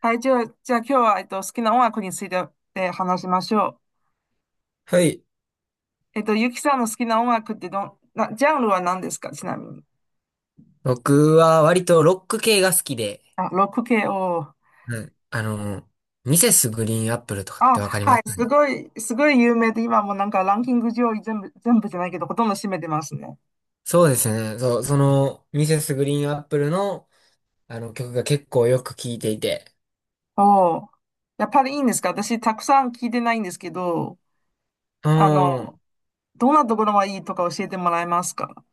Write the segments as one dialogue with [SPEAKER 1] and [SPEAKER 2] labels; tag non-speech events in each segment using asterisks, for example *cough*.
[SPEAKER 1] はい、じゃあ今日は、好きな音楽について、話しましょ
[SPEAKER 2] はい。
[SPEAKER 1] う。ゆきさんの好きな音楽ってどん、な、ジャンルは何ですか、ちなみに。
[SPEAKER 2] 僕は割とロック系が好きで、
[SPEAKER 1] あ、ロック系を。
[SPEAKER 2] うん、ミセスグリーンアップルとかっ
[SPEAKER 1] あ、
[SPEAKER 2] てわかりま
[SPEAKER 1] はい、
[SPEAKER 2] すかね？
[SPEAKER 1] すごい有名で、今もうなんかランキング上位全部、全部じゃないけど、ほとんど占めてますね。
[SPEAKER 2] そうですね。ミセスグリーンアップルの、あの曲が結構よく聴いていて。
[SPEAKER 1] おお。やっぱりいいんですか？私、たくさん聞いてないんですけど、
[SPEAKER 2] う
[SPEAKER 1] あの、
[SPEAKER 2] ん。
[SPEAKER 1] どんなところがいいとか教えてもらえますか？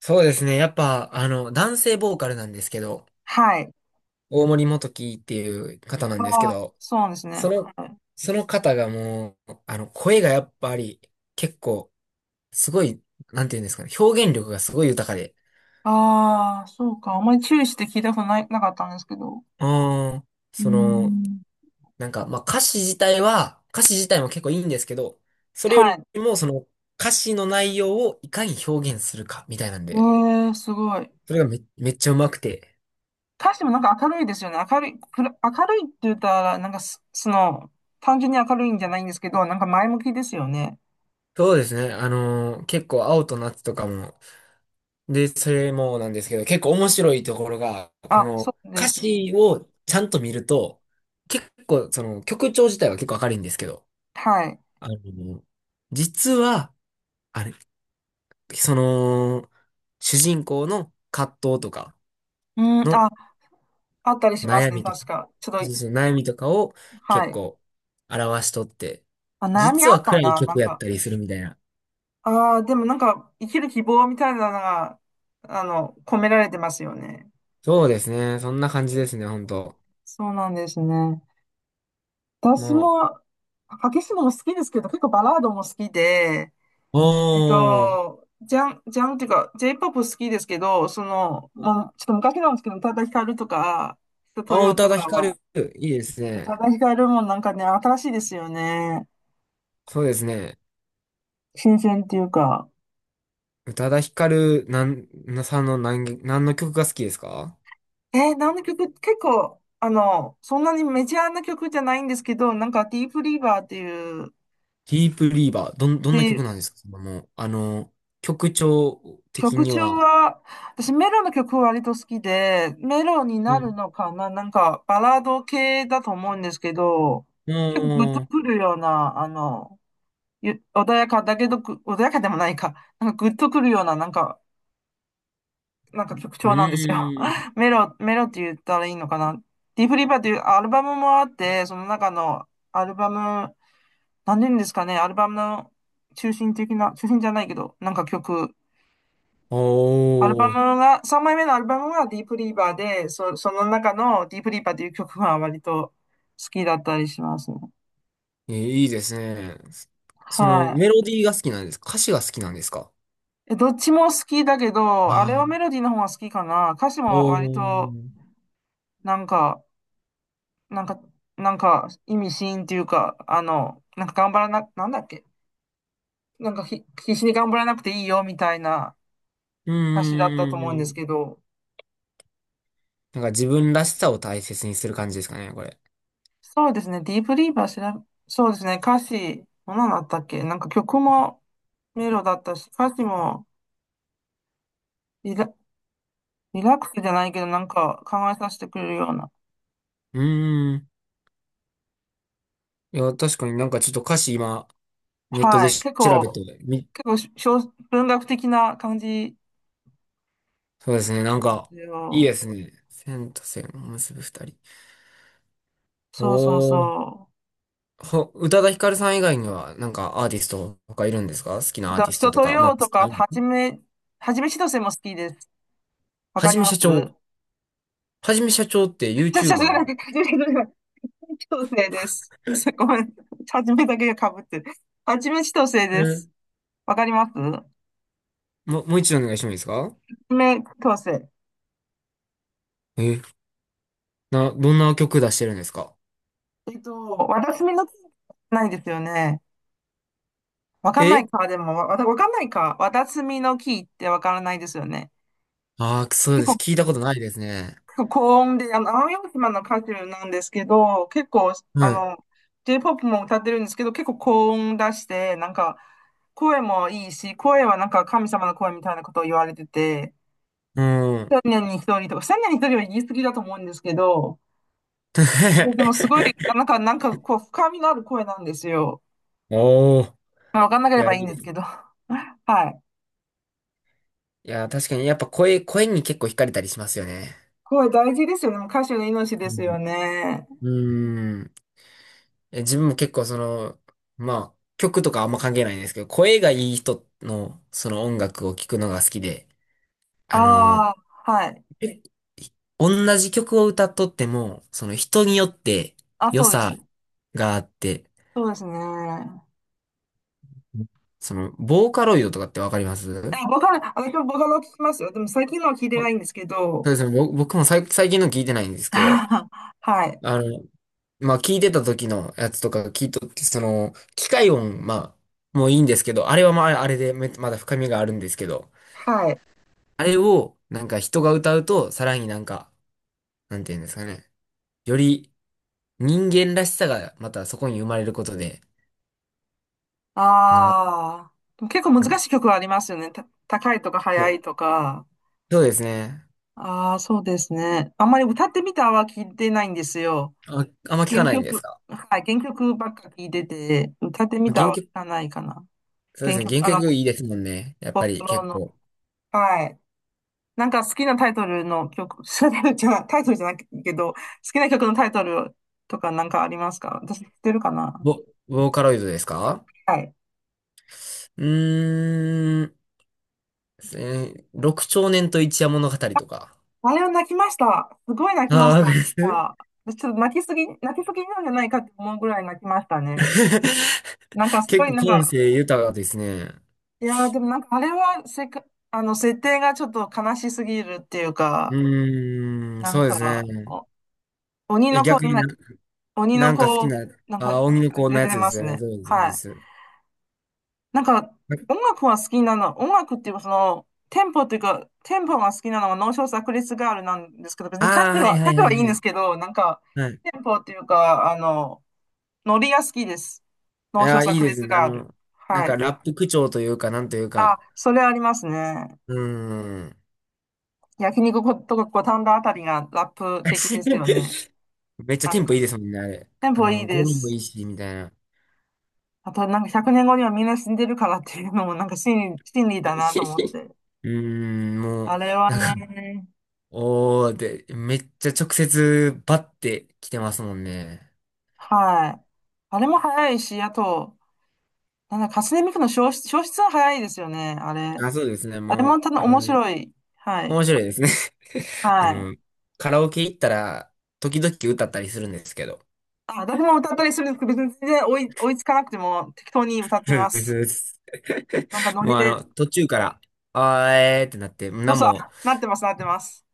[SPEAKER 2] そうですね。やっぱ、男性ボーカルなんですけど、
[SPEAKER 1] はい。
[SPEAKER 2] 大森元貴っていう方なんですけ
[SPEAKER 1] ああ、
[SPEAKER 2] ど、
[SPEAKER 1] そうですね。
[SPEAKER 2] その、
[SPEAKER 1] はい。
[SPEAKER 2] その方がもう、声がやっぱり、結構、すごい、なんていうんですかね、表現力がすごい豊かで、
[SPEAKER 1] ああ、そうか。あんまり注意して聞いたことない、なかったんですけど。
[SPEAKER 2] うん。
[SPEAKER 1] うん。
[SPEAKER 2] なんか、まあ歌詞自体も結構いいんですけど、それよ
[SPEAKER 1] は
[SPEAKER 2] り
[SPEAKER 1] い。
[SPEAKER 2] もその歌詞の内容をいかに表現するかみたいなん
[SPEAKER 1] え
[SPEAKER 2] で、
[SPEAKER 1] え、すごい。
[SPEAKER 2] それがめっちゃうまくて。
[SPEAKER 1] 歌詞もなんか明るいですよね。明るい、明るいって言ったら、なんかその、単純に明るいんじゃないんですけど、なんか前向きですよね。
[SPEAKER 2] そうですね。結構青と夏とかも、で、それもなんですけど、結構面白いところが、こ
[SPEAKER 1] あ、そ
[SPEAKER 2] の
[SPEAKER 1] うで
[SPEAKER 2] 歌
[SPEAKER 1] すね。
[SPEAKER 2] 詞をちゃんと見ると、結構その曲調自体は結構明るいんですけど、
[SPEAKER 1] はい。
[SPEAKER 2] あの、実は、あれ、その、主人公の葛藤とか
[SPEAKER 1] うん、あ、
[SPEAKER 2] の
[SPEAKER 1] あったりします
[SPEAKER 2] 悩
[SPEAKER 1] ね、
[SPEAKER 2] みと
[SPEAKER 1] 確
[SPEAKER 2] か、
[SPEAKER 1] か。ちょっ
[SPEAKER 2] そ
[SPEAKER 1] と、
[SPEAKER 2] うそう、悩みとかを
[SPEAKER 1] は
[SPEAKER 2] 結
[SPEAKER 1] い。
[SPEAKER 2] 構表しとって、
[SPEAKER 1] あ、悩み
[SPEAKER 2] 実
[SPEAKER 1] あっ
[SPEAKER 2] は
[SPEAKER 1] た
[SPEAKER 2] 暗い
[SPEAKER 1] な、なん
[SPEAKER 2] 曲やっ
[SPEAKER 1] か。
[SPEAKER 2] たりするみたいな。
[SPEAKER 1] ああ、でもなんか、生きる希望みたいなのが、込められてますよね。
[SPEAKER 2] そうですね。そんな感じですね、ほんと。
[SPEAKER 1] そうなんですね。私
[SPEAKER 2] も
[SPEAKER 1] も、激しいのも好きですけど、結構バラードも好きで、
[SPEAKER 2] う、おー、
[SPEAKER 1] ジャンっていうか、J-POP 好きですけど、その、もう、ちょっと昔なんですけど、宇多田ヒカルとか、人と
[SPEAKER 2] あー、宇
[SPEAKER 1] よ
[SPEAKER 2] 多
[SPEAKER 1] と
[SPEAKER 2] 田ヒ
[SPEAKER 1] か
[SPEAKER 2] カ
[SPEAKER 1] は、
[SPEAKER 2] ル、いいです
[SPEAKER 1] 宇多
[SPEAKER 2] ね。
[SPEAKER 1] 田ヒカルもなんかね、新しいですよね。
[SPEAKER 2] そうですね。
[SPEAKER 1] 新鮮っていうか。
[SPEAKER 2] 宇多田ヒカル、なん、なさんの何の曲が好きですか？
[SPEAKER 1] 何の曲、結構、そんなにメジャーな曲じゃないんですけど、なんか、ディープリーバーっていう、
[SPEAKER 2] ディープリーバー、どんな
[SPEAKER 1] で
[SPEAKER 2] 曲なんですか？そのもう、あの、曲調的
[SPEAKER 1] 曲
[SPEAKER 2] に
[SPEAKER 1] 調
[SPEAKER 2] は。
[SPEAKER 1] は、私メロの曲割と好きで、メロに
[SPEAKER 2] う
[SPEAKER 1] なる
[SPEAKER 2] ん。
[SPEAKER 1] のかな、なんかバラード系だと思うんですけど、
[SPEAKER 2] う
[SPEAKER 1] 結構グッと
[SPEAKER 2] ーん。
[SPEAKER 1] くるような、穏やかだけど穏やかでもないか、なんかグッとくるような、なんか曲
[SPEAKER 2] う
[SPEAKER 1] 調なんですよ。
[SPEAKER 2] ーん。
[SPEAKER 1] *laughs* メロ、メロって言ったらいいのかな？ディープリバーっていうアルバムもあって、その中のアルバム、何て言うんですかね、アルバムの中心的な、中心じゃないけど、なんか曲、アルバ
[SPEAKER 2] お
[SPEAKER 1] ム
[SPEAKER 2] ー。
[SPEAKER 1] が、3枚目のアルバムがディープリーバーで、その中のディープリーバーという曲が割と好きだったりしますね。
[SPEAKER 2] え、いいですね。メ
[SPEAKER 1] は
[SPEAKER 2] ロディーが好きなんですか？歌詞が好きなんですか？
[SPEAKER 1] い。え、どっちも好きだけど、
[SPEAKER 2] あ
[SPEAKER 1] あれは
[SPEAKER 2] ー、
[SPEAKER 1] メロディーの方が好きかな。歌詞も
[SPEAKER 2] お
[SPEAKER 1] 割と、
[SPEAKER 2] ー。
[SPEAKER 1] なんか、なんか、なんか意味深っていうか、なんか頑張らな、なんだっけ。なんか必死に頑張らなくていいよみたいな
[SPEAKER 2] うー
[SPEAKER 1] 歌詞だったと思うんです
[SPEAKER 2] ん。
[SPEAKER 1] けど、
[SPEAKER 2] なんか自分らしさを大切にする感じですかね、これ。
[SPEAKER 1] そうですね。ディープリーバー調べ、そうですね。歌詞、ものだったっけ、なんか曲もメロだったし、歌詞もリラ、リラックスじゃないけど、なんか考えさせてくれるような。
[SPEAKER 2] うーん。いや、確かになんかちょっと歌詞今、ネットで
[SPEAKER 1] はい。
[SPEAKER 2] 調べてみ、
[SPEAKER 1] 結構文学的な感じ
[SPEAKER 2] そうですね、なん
[SPEAKER 1] で
[SPEAKER 2] か、
[SPEAKER 1] す
[SPEAKER 2] いい
[SPEAKER 1] よ。
[SPEAKER 2] ですね。線と線を結ぶ二人。
[SPEAKER 1] そうそう
[SPEAKER 2] おー。
[SPEAKER 1] そ
[SPEAKER 2] 宇多田ヒカルさん以外には、なんかアーティストとかいるんですか？好き
[SPEAKER 1] う。
[SPEAKER 2] なアーティスト
[SPEAKER 1] 人
[SPEAKER 2] と
[SPEAKER 1] と
[SPEAKER 2] か。まあ、
[SPEAKER 1] よう
[SPEAKER 2] 好
[SPEAKER 1] と
[SPEAKER 2] き
[SPEAKER 1] か、
[SPEAKER 2] な。
[SPEAKER 1] はじめしとせも好きです。わ
[SPEAKER 2] は
[SPEAKER 1] かり
[SPEAKER 2] じめ
[SPEAKER 1] ま
[SPEAKER 2] しゃちょー。
[SPEAKER 1] す
[SPEAKER 2] はじめしゃちょーって
[SPEAKER 1] ちゃさゃが
[SPEAKER 2] YouTuber？
[SPEAKER 1] に、*laughs* はじめしとせです。ごめん。はじめだけが被ってる。はじめしとせです。わかります
[SPEAKER 2] もう一度お願いしてもいいですか？
[SPEAKER 1] 爪矯正。
[SPEAKER 2] え、どんな曲出してるんですか？
[SPEAKER 1] わたすみの木、ないですよね。わかんな
[SPEAKER 2] え、
[SPEAKER 1] いか、でも、わかんないか。わたすみの木ってわからないですよね。
[SPEAKER 2] ああー、くそう
[SPEAKER 1] 結
[SPEAKER 2] です。
[SPEAKER 1] 構、
[SPEAKER 2] 聞いたことないですね。
[SPEAKER 1] 結構高音で、奄美大島の歌手なんですけど、結構、あ
[SPEAKER 2] はい。
[SPEAKER 1] の、J-POP も歌ってるんですけど、結構高音出して、なんか、声もいいし、声はなんか神様の声みたいなことを言われてて、
[SPEAKER 2] うん。
[SPEAKER 1] 千年に一人とか、千年に一人は言い過ぎだと思うんですけど、でもすごい、
[SPEAKER 2] *laughs*
[SPEAKER 1] なんか、こう、深みのある声なんですよ。
[SPEAKER 2] おお。
[SPEAKER 1] まあ、わかんなけ
[SPEAKER 2] い
[SPEAKER 1] れ
[SPEAKER 2] や、
[SPEAKER 1] ば
[SPEAKER 2] い
[SPEAKER 1] いいん
[SPEAKER 2] い
[SPEAKER 1] で
[SPEAKER 2] で
[SPEAKER 1] す
[SPEAKER 2] す。
[SPEAKER 1] けど。*laughs* はい。
[SPEAKER 2] いや、確かに、やっぱ声に結構惹かれたりしますよね。
[SPEAKER 1] 声大事ですよね。もう歌手の命
[SPEAKER 2] う
[SPEAKER 1] ですよ
[SPEAKER 2] ん。
[SPEAKER 1] ね。
[SPEAKER 2] うーん。自分も結構まあ、曲とかあんま関係ないんですけど、声がいい人の、その音楽を聴くのが好きで、あの、
[SPEAKER 1] ああ、はい。
[SPEAKER 2] え同じ曲を歌っとっても、その人によって
[SPEAKER 1] あ、
[SPEAKER 2] 良
[SPEAKER 1] そうです
[SPEAKER 2] さ、
[SPEAKER 1] ね。
[SPEAKER 2] があって、
[SPEAKER 1] そうですね。
[SPEAKER 2] ボーカロイドとかってわかります？
[SPEAKER 1] ボカロ、私もボカロ聞きますよ。でも最近のは聞いて
[SPEAKER 2] あ、
[SPEAKER 1] な
[SPEAKER 2] そ
[SPEAKER 1] いんですけ
[SPEAKER 2] う
[SPEAKER 1] ど。
[SPEAKER 2] ですね。僕も最近の聞いてないんですけど、
[SPEAKER 1] *laughs* はい。
[SPEAKER 2] あの、まあ、聞いてた時のやつとか聞いとって、機械音、まあ、もういいんですけど、あれはまあ、あれでまだ深みがあるんですけど、
[SPEAKER 1] はい。
[SPEAKER 2] あれを、なんか人が歌うと、さらになんか、なんていうんですかね。より人間らしさがまたそこに生まれることで、な、
[SPEAKER 1] ああ。でも結構難
[SPEAKER 2] うん、
[SPEAKER 1] しい曲はありますよね。高いとか
[SPEAKER 2] そ
[SPEAKER 1] 速
[SPEAKER 2] う
[SPEAKER 1] いとか。
[SPEAKER 2] そうですね。
[SPEAKER 1] ああ、そうですね。あんまり歌ってみたは聞いてないんですよ。
[SPEAKER 2] あ、あんま聞か
[SPEAKER 1] 原
[SPEAKER 2] ないんで
[SPEAKER 1] 曲、
[SPEAKER 2] すか？
[SPEAKER 1] はい、原曲ばっか聞いてて、歌って
[SPEAKER 2] ま
[SPEAKER 1] み
[SPEAKER 2] あ
[SPEAKER 1] た
[SPEAKER 2] 原
[SPEAKER 1] は聞
[SPEAKER 2] 曲
[SPEAKER 1] かないかな。
[SPEAKER 2] そうで
[SPEAKER 1] 原
[SPEAKER 2] すね。
[SPEAKER 1] 曲、
[SPEAKER 2] 原曲いいですもんね。やっ
[SPEAKER 1] ポ
[SPEAKER 2] ぱ
[SPEAKER 1] スト
[SPEAKER 2] り
[SPEAKER 1] ロー
[SPEAKER 2] 結
[SPEAKER 1] の。
[SPEAKER 2] 構。
[SPEAKER 1] はい。なんか好きなタイトルの曲、*laughs* タイトルじゃないタイトルじゃないけど、好きな曲のタイトルとかなんかありますか？私知ってるかな。
[SPEAKER 2] ボ、ボーカロイドですか？
[SPEAKER 1] はい。
[SPEAKER 2] うーん。六少年と一夜物語とか。
[SPEAKER 1] あれを泣きました。すごい泣き
[SPEAKER 2] あ
[SPEAKER 1] まし
[SPEAKER 2] あ、わ
[SPEAKER 1] た。
[SPEAKER 2] かります？
[SPEAKER 1] あ、私ちょっと泣きすぎなんじゃないかって思うぐらい泣きましたね。
[SPEAKER 2] *laughs*
[SPEAKER 1] なんかす
[SPEAKER 2] 結
[SPEAKER 1] ごい
[SPEAKER 2] 構
[SPEAKER 1] なん
[SPEAKER 2] 感
[SPEAKER 1] か、
[SPEAKER 2] 性豊かですね。
[SPEAKER 1] いやー、でもなんかあれは設定がちょっと悲しすぎるっていう
[SPEAKER 2] う
[SPEAKER 1] か、
[SPEAKER 2] ーん、
[SPEAKER 1] なん
[SPEAKER 2] そうです
[SPEAKER 1] か、
[SPEAKER 2] ね。
[SPEAKER 1] 鬼
[SPEAKER 2] え、
[SPEAKER 1] の子、
[SPEAKER 2] 逆に
[SPEAKER 1] 鬼
[SPEAKER 2] な
[SPEAKER 1] の
[SPEAKER 2] んか好き
[SPEAKER 1] 子、
[SPEAKER 2] な、あー、
[SPEAKER 1] な
[SPEAKER 2] 荻
[SPEAKER 1] ん
[SPEAKER 2] 野
[SPEAKER 1] か
[SPEAKER 2] 子の
[SPEAKER 1] 出
[SPEAKER 2] や
[SPEAKER 1] て
[SPEAKER 2] つで
[SPEAKER 1] ま
[SPEAKER 2] す
[SPEAKER 1] す
[SPEAKER 2] よね。
[SPEAKER 1] ね。
[SPEAKER 2] そうです、そう
[SPEAKER 1] は
[SPEAKER 2] で
[SPEAKER 1] い。
[SPEAKER 2] す。
[SPEAKER 1] なんか、音楽は好きなの、音楽っていうか、その、テンポっていうか、テンポが好きなのが脳症炸裂ガールなんですけど、別に
[SPEAKER 2] ああ、はい
[SPEAKER 1] 歌
[SPEAKER 2] はい
[SPEAKER 1] 詞
[SPEAKER 2] は
[SPEAKER 1] はいい
[SPEAKER 2] い
[SPEAKER 1] ん
[SPEAKER 2] は
[SPEAKER 1] です
[SPEAKER 2] い。
[SPEAKER 1] けど、なんか、
[SPEAKER 2] はい。
[SPEAKER 1] テンポっていうか、ノリが好きです。
[SPEAKER 2] い
[SPEAKER 1] 脳
[SPEAKER 2] や
[SPEAKER 1] 症
[SPEAKER 2] ー、
[SPEAKER 1] 炸
[SPEAKER 2] いいです
[SPEAKER 1] 裂
[SPEAKER 2] ね。
[SPEAKER 1] ガール。
[SPEAKER 2] なん
[SPEAKER 1] は
[SPEAKER 2] か
[SPEAKER 1] い。
[SPEAKER 2] ラップ口調というか、なんという
[SPEAKER 1] あ、
[SPEAKER 2] か。
[SPEAKER 1] それありますね。
[SPEAKER 2] うーん。
[SPEAKER 1] 焼肉とか五反田あたりがラップ的ですよね。
[SPEAKER 2] *laughs* めっちゃ
[SPEAKER 1] な
[SPEAKER 2] テ
[SPEAKER 1] ん
[SPEAKER 2] ンポいいで
[SPEAKER 1] か、
[SPEAKER 2] すもんね、あれ。
[SPEAKER 1] テンポいい
[SPEAKER 2] 語
[SPEAKER 1] で
[SPEAKER 2] 呂もい
[SPEAKER 1] す。
[SPEAKER 2] いし、みたいな。
[SPEAKER 1] あと、なんか100年後にはみんな死んでるからっていうのも、なんか真理だなと思っ
[SPEAKER 2] *laughs*
[SPEAKER 1] て。
[SPEAKER 2] うーん、もう、
[SPEAKER 1] あれはね、
[SPEAKER 2] おー、で、めっちゃ直接バッて来てますもんね。
[SPEAKER 1] はい。あれも早いし、あと、なんだ、初音ミクの消失、消失は早いですよね、あれ。
[SPEAKER 2] あ、そうですね、
[SPEAKER 1] あれ
[SPEAKER 2] もう、
[SPEAKER 1] もただ面白い。はい。
[SPEAKER 2] 面白いですね。*laughs* あ
[SPEAKER 1] はい。
[SPEAKER 2] の、カラオケ行ったら、時々歌ったりするんですけど。
[SPEAKER 1] あ、誰も歌ったりするんですけど、別に全然追いつかなくても適当に歌って
[SPEAKER 2] そ
[SPEAKER 1] ま
[SPEAKER 2] うですそ
[SPEAKER 1] す。
[SPEAKER 2] うです。
[SPEAKER 1] なんか
[SPEAKER 2] *laughs*
[SPEAKER 1] ノリ
[SPEAKER 2] もう、
[SPEAKER 1] で、
[SPEAKER 2] 途中から、あー、えーってなって、
[SPEAKER 1] そ
[SPEAKER 2] な
[SPEAKER 1] う
[SPEAKER 2] ん
[SPEAKER 1] そう、あ、
[SPEAKER 2] も、
[SPEAKER 1] なってます、なってます。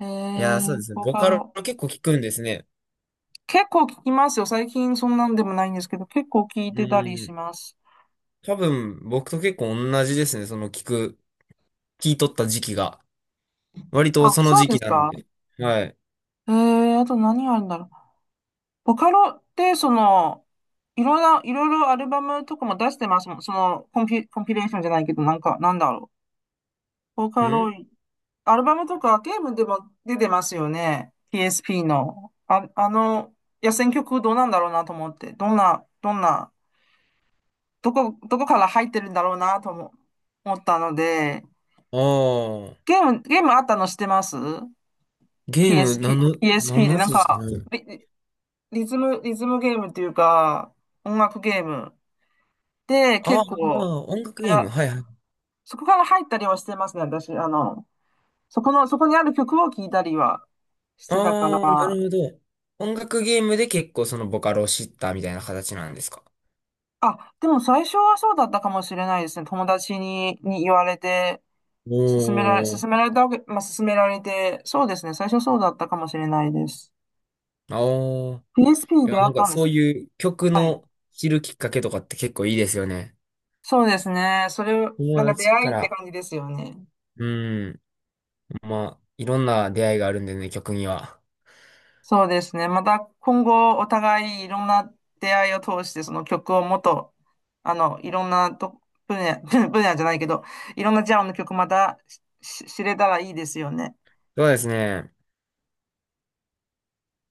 [SPEAKER 2] いやー、そうですね、
[SPEAKER 1] ボ
[SPEAKER 2] ボ
[SPEAKER 1] カ
[SPEAKER 2] カロ
[SPEAKER 1] ロ。
[SPEAKER 2] 結構聞くんですね。
[SPEAKER 1] 結構聞きますよ。最近そんなんでもないんですけど、結構聞い
[SPEAKER 2] う
[SPEAKER 1] てたり
[SPEAKER 2] ー
[SPEAKER 1] し
[SPEAKER 2] ん、
[SPEAKER 1] ます。
[SPEAKER 2] 多分、僕と結構同じですね、その聞いとった時期が。割と
[SPEAKER 1] あ、
[SPEAKER 2] その
[SPEAKER 1] そう
[SPEAKER 2] 時
[SPEAKER 1] で
[SPEAKER 2] 期
[SPEAKER 1] す
[SPEAKER 2] なん
[SPEAKER 1] か。
[SPEAKER 2] で。はい。
[SPEAKER 1] あと何あるんだろう。ボカロって、その、いろんな、いろいろアルバムとかも出してますもん。その、コンピレーションじゃないけど、なんか、なんだろう。ボカロ、
[SPEAKER 2] ん、
[SPEAKER 1] アルバムとかゲームでも出てますよね。PSP の。あ、野戦曲どうなんだろうなと思って。どんな、どこから入ってるんだろうなと思ったので、
[SPEAKER 2] ああー、
[SPEAKER 1] ゲームあったの知ってます
[SPEAKER 2] ゲーム、
[SPEAKER 1] ?PSP、
[SPEAKER 2] なん
[SPEAKER 1] PSP
[SPEAKER 2] の
[SPEAKER 1] で
[SPEAKER 2] や
[SPEAKER 1] な
[SPEAKER 2] つ
[SPEAKER 1] ん
[SPEAKER 2] ですか
[SPEAKER 1] か、
[SPEAKER 2] ね。
[SPEAKER 1] リズム、リズムゲームっていうか、音楽ゲーム。で、
[SPEAKER 2] あ
[SPEAKER 1] 結
[SPEAKER 2] ー
[SPEAKER 1] 構、
[SPEAKER 2] あー、音楽
[SPEAKER 1] え
[SPEAKER 2] ゲーム。
[SPEAKER 1] ら、
[SPEAKER 2] はいはい。
[SPEAKER 1] そこから入ったりはしてますね、私。あの、そこにある曲を聴いたりはしてたか
[SPEAKER 2] ああ、なる
[SPEAKER 1] ら。
[SPEAKER 2] ほど。音楽ゲームで結構そのボカロを知ったみたいな形なんですか。
[SPEAKER 1] あ、でも最初はそうだったかもしれないですね。友達に言われて、
[SPEAKER 2] おー、
[SPEAKER 1] 勧められたわけ、まあ、勧められて、そうですね。最初そうだったかもしれないです。
[SPEAKER 2] ああ。
[SPEAKER 1] PSP
[SPEAKER 2] いや、
[SPEAKER 1] であ
[SPEAKER 2] なん
[SPEAKER 1] っ
[SPEAKER 2] か
[SPEAKER 1] たんで
[SPEAKER 2] そ
[SPEAKER 1] す
[SPEAKER 2] う
[SPEAKER 1] よ。
[SPEAKER 2] いう曲
[SPEAKER 1] はい。
[SPEAKER 2] の知るきっかけとかって結構いいですよね。
[SPEAKER 1] そうですね。それを、な
[SPEAKER 2] 友
[SPEAKER 1] んか出
[SPEAKER 2] 達
[SPEAKER 1] 会
[SPEAKER 2] か
[SPEAKER 1] いって
[SPEAKER 2] ら。
[SPEAKER 1] 感じですよね。
[SPEAKER 2] うん。まあ、いろんな出会いがあるんでね、曲には。
[SPEAKER 1] そうですね。また今後お互いいろんな出会いを通してその曲をもっと、いろんな分野、*laughs* 分野じゃないけど、いろんなジャンルの曲またし知れたらいいですよね。
[SPEAKER 2] そうですね。